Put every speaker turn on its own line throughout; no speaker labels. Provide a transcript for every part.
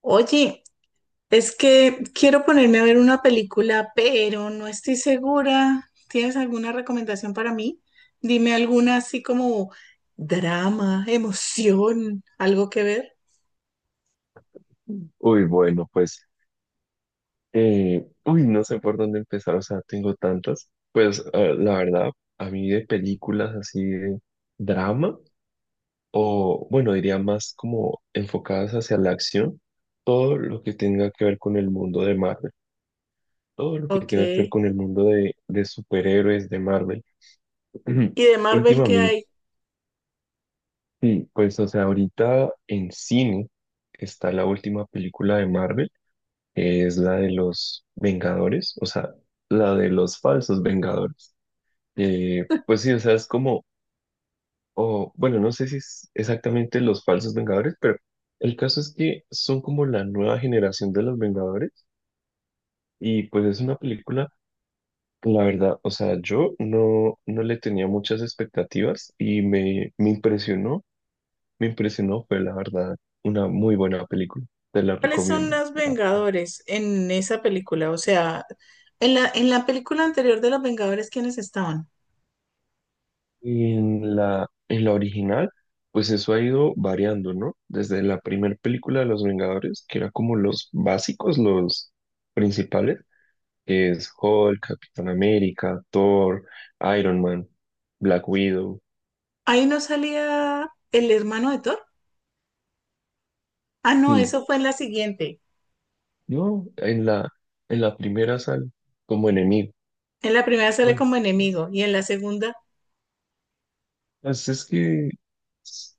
Oye, es que quiero ponerme a ver una película, pero no estoy segura. ¿Tienes alguna recomendación para mí? Dime alguna así como drama, emoción, algo que ver.
Uy, bueno, pues, no sé por dónde empezar, o sea, tengo tantas. Pues, la verdad, a mí de películas así de drama, o bueno, diría más como enfocadas hacia la acción, todo lo que tenga que ver con el mundo de Marvel, todo lo que
Ok.
tenga que ver
¿Y
con el mundo de superhéroes de Marvel.
de Marvel qué
Últimamente,
hay?
sí, pues, o sea, ahorita en cine está la última película de Marvel. Es la de los Vengadores, o sea, la de los falsos Vengadores. Pues sí, o sea, es como, o bueno, no sé si es exactamente los falsos Vengadores, pero el caso es que son como la nueva generación de los Vengadores y pues es una película, la verdad, o sea, yo no, no le tenía muchas expectativas y me impresionó, fue la verdad una muy buena película, te la
¿Cuáles son
recomiendo.
los Vengadores en esa película? O sea, en la película anterior de los Vengadores, ¿quiénes estaban?
Y en la original, pues eso ha ido variando, ¿no? Desde la primera película de Los Vengadores, que era como los básicos, los principales, que es Hulk, Capitán América, Thor, Iron Man, Black Widow.
Ahí no salía el hermano de Thor. Ah, no,
Y
eso fue en la siguiente.
yo en la primera sal como enemigo.
En la primera sale
Bueno,
como
pues
enemigo y en la segunda.
es que es-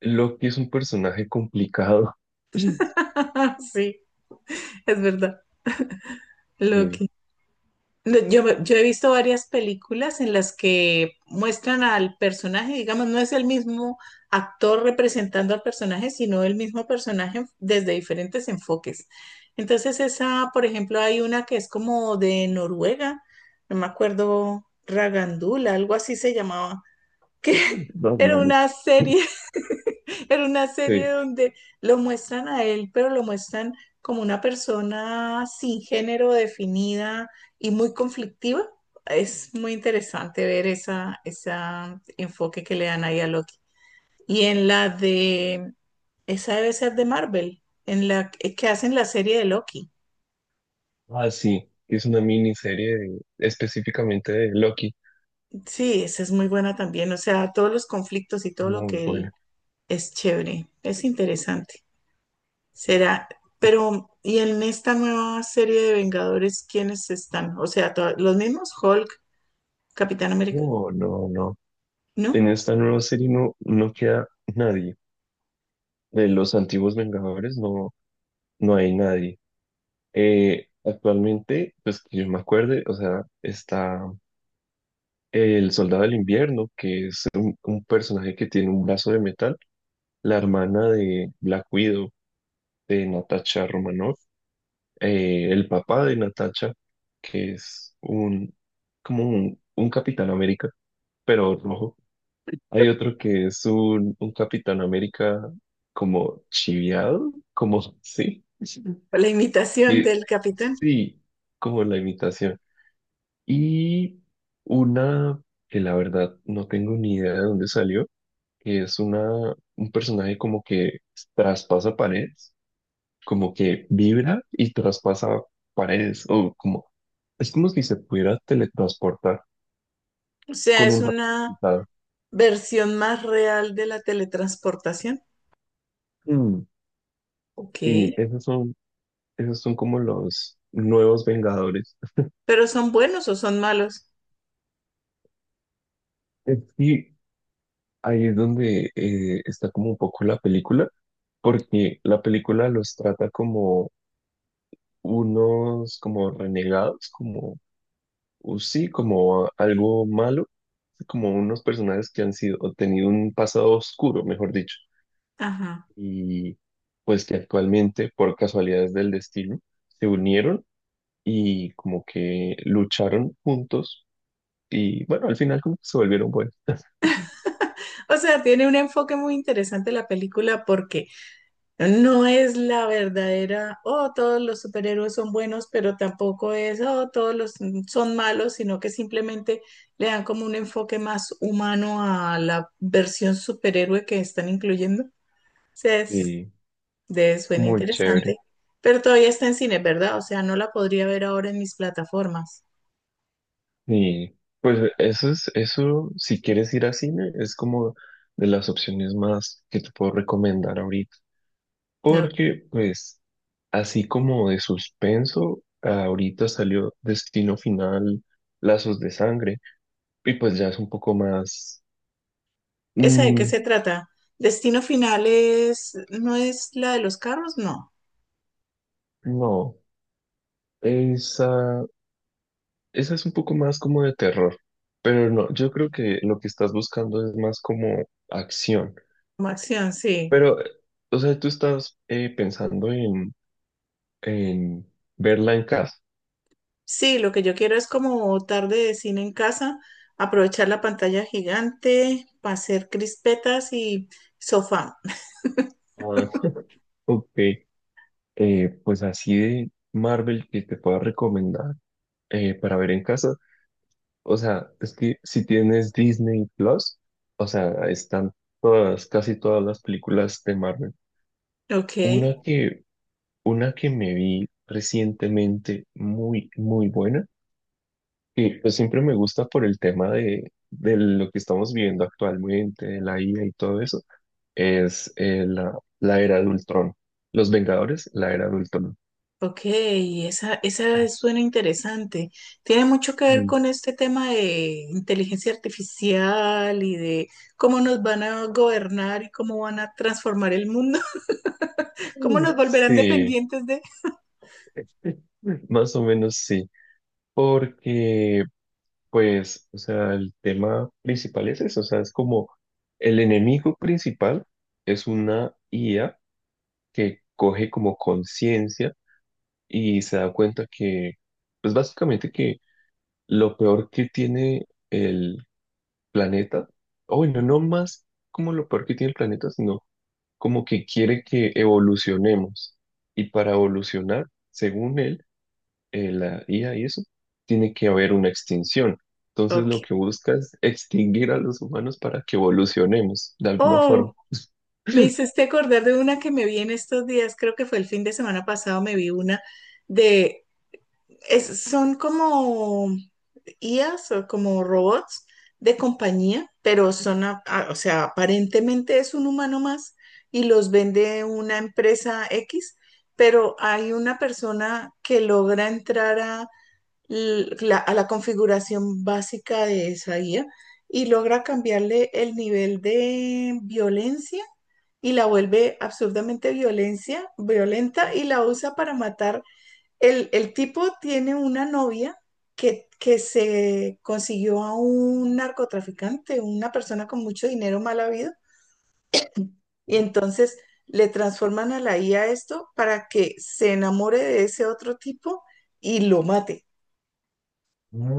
Loki es un personaje complicado. Sí.
Sí, es verdad. Lo
Sí.
que, lo- yo, me- Yo he visto varias películas en las que muestran al personaje, digamos, no es el mismo actor representando al personaje, sino el mismo personaje desde diferentes enfoques. Entonces, esa, por ejemplo, hay una que es como de Noruega, no me acuerdo, Ragandula, algo así se llamaba que era
Batman.
una serie, era una serie
Sí.
donde lo muestran a él, pero lo muestran como una persona sin género definida y muy conflictiva. Es muy interesante ver esa enfoque que le dan ahí a Loki. Y en la de, esa debe ser de Marvel, en la que hacen la serie de Loki.
Ah, sí, que es una miniserie específicamente de Loki.
Sí, esa es muy buena también. O sea, todos los conflictos y todo lo
Muy
que él
buena.
es chévere, es interesante. Será, pero ¿y en esta nueva serie de Vengadores quiénes están? O sea, to- los mismos Hulk, Capitán América,
No, no, no.
¿no?
En esta nueva serie no queda nadie. De los antiguos Vengadores no hay nadie. Actualmente, pues que yo me acuerde, o sea, está el Soldado del Invierno, que es un personaje que tiene un brazo de metal, la hermana de Black Widow, de Natasha Romanoff, el papá de Natasha, que es un, como un Capitán América, pero rojo. Hay otro que es un Capitán América como chiviado, como sí.
La imitación
Y
del Capitán.
sí, como la imitación. Y una que la verdad no tengo ni idea de dónde salió, que es una, un personaje como que traspasa paredes, como que vibra y traspasa paredes, o como es como si se pudiera teletransportar
O sea,
con
es
un
una
resultado.
versión más real de la teletransportación.
Mm.
Ok.
Y esos son como los nuevos Vengadores.
Pero ¿son buenos o son malos?
Es que ahí es donde está como un poco la película, porque la película los trata como unos como renegados, como sí, como algo malo, como unos personajes que han sido, o tenido un pasado oscuro, mejor dicho,
Ajá.
y pues que actualmente, por casualidades del destino, se unieron y como que lucharon juntos y bueno, al final como que se volvieron buenos.
O sea, tiene un enfoque muy interesante la película porque no es la verdadera, oh, todos los superhéroes son buenos, pero tampoco es, oh, todos los son malos, sino que simplemente le dan como un enfoque más humano a la versión superhéroe que están incluyendo. O sea, es,
Sí,
de, suena
muy chévere.
interesante, pero todavía está en cine, ¿verdad? O sea, no la podría ver ahora en mis plataformas.
Y pues eso es, eso si quieres ir a cine es como de las opciones más que te puedo recomendar ahorita.
No.
Porque pues así como de suspenso, ahorita salió Destino Final, Lazos de Sangre y pues ya es un poco más...
¿Esa de qué
mm,
se trata? ¿Destino final es, no es la de los carros? No.
no, esa esa es un poco más como de terror, pero no, yo creo que lo que estás buscando es más como acción.
Como acción, sí.
Pero, o sea, tú estás pensando en verla en casa.
Sí, lo que yo quiero es como tarde de cine en casa, aprovechar la pantalla gigante para hacer crispetas y sofá.
Ah, ok. Pues así de Marvel que te pueda recomendar para ver en casa. O sea, es que si tienes Disney Plus, o sea, están todas, casi todas las películas de Marvel.
Ok,
Una que Una que me vi recientemente muy, muy buena, que pues siempre me gusta por el tema de lo que estamos viviendo actualmente, de la IA y todo eso, es la era de Ultron. Los Vengadores, la era de Ultron.
ok, esa, esa suena interesante. Tiene mucho que ver
Mm.
con este tema de inteligencia artificial y de cómo nos van a gobernar y cómo van a transformar el mundo, cómo nos
Mm,
volverán
sí,
dependientes de...
más o menos sí, porque pues, o sea, el tema principal es eso, o sea, es como el enemigo principal es una IA que coge como conciencia y se da cuenta que, pues básicamente que lo peor que tiene el planeta, o bueno, no más como lo peor que tiene el planeta, sino como que quiere que evolucionemos. Y para evolucionar, según él, la IA y eso, tiene que haber una extinción. Entonces lo
Ok.
que busca es extinguir a los humanos para que evolucionemos de alguna forma.
Oh, me hiciste acordar de una que me vi en estos días, creo que fue el fin de semana pasado, me vi una de es- son como IAs o como robots de compañía, pero son, a- o sea, aparentemente es un humano más y los vende una empresa X, pero hay una persona que logra entrar a a la configuración básica de esa IA y logra cambiarle el nivel de violencia. Y la vuelve absurdamente violencia, violenta y la usa para matar el tipo tiene una novia que se consiguió a un narcotraficante, una persona con mucho dinero mal habido, y entonces le transforman a la I a esto para que se enamore de ese otro tipo y lo mate.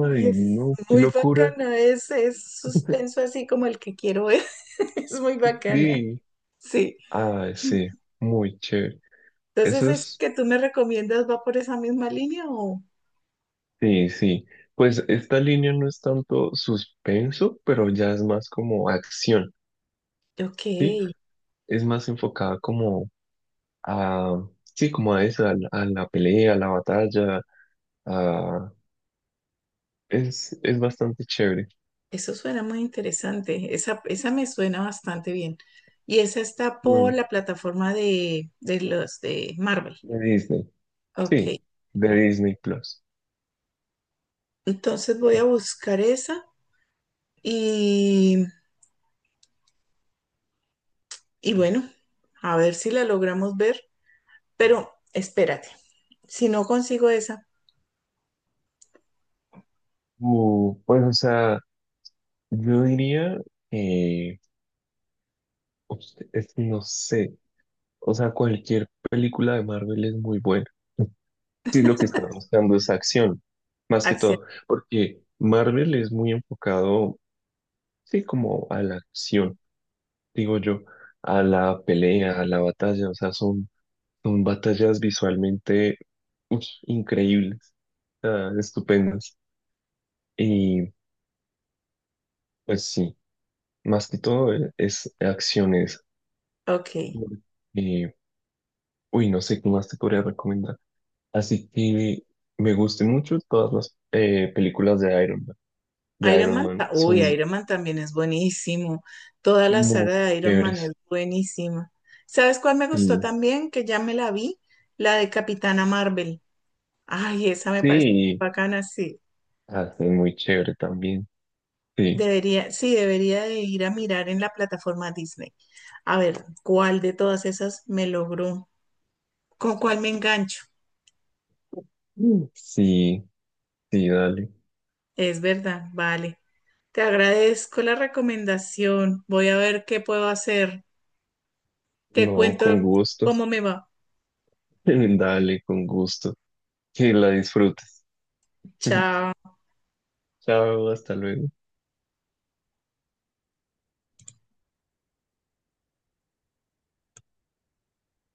Ay,
Ay,
es
no, qué
muy
locura.
bacana, es suspenso así como el que quiero ver, es muy bacana,
Sí,
sí.
ay, sí, muy chévere.
Entonces,
Eso
¿es
es,
que tú me recomiendas va por esa misma línea o?
sí, sí. Pues esta línea no es tanto suspenso, pero ya es más como acción,
Ok.
¿sí? Es más enfocada como a, sí, como a eso, a a la pelea, a la batalla, a... es bastante chévere.
Eso suena muy interesante. Esa me suena bastante bien. Y esa está por
Mm,
la plataforma de los de Marvel.
de Disney,
Ok.
sí, de Disney Plus.
Entonces voy a buscar esa y, y bueno, a ver si la logramos ver. Pero espérate, si no consigo esa,
Pues, o sea, yo diría que, ups, es que no sé, o sea, cualquier película de Marvel es muy buena. Sí, lo que está mostrando es acción, más que
acción.
todo, porque Marvel es muy enfocado, sí, como a la acción, digo yo, a la pelea, a la batalla, o sea, son, son batallas visualmente uy, increíbles, ah, estupendas. Y pues sí, más que todo es acciones.
Ok.
Y, uy, no sé qué más te podría recomendar. Así que me gustan mucho todas las películas de Iron Man, de
Iron
Iron
Man,
Man
ta- uy,
son
Iron Man también es buenísimo. Toda la
muy
saga de Iron Man es
chéveres.
buenísima. ¿Sabes cuál me gustó
Sí,
también? Que ya me la vi, la de Capitana Marvel. Ay, esa me parece
sí,
bacana, sí.
hace muy chévere también. Sí.
Debería, sí, debería de ir a mirar en la plataforma Disney. A ver, ¿cuál de todas esas me logró? ¿Con cuál me engancho?
Mm. Sí, sí, dale.
Es verdad, vale. Te agradezco la recomendación. Voy a ver qué puedo hacer. Te
No,
cuento
con gusto.
cómo me va.
Dale, con gusto. Que la disfrutes.
Chao.
Chao, hasta luego.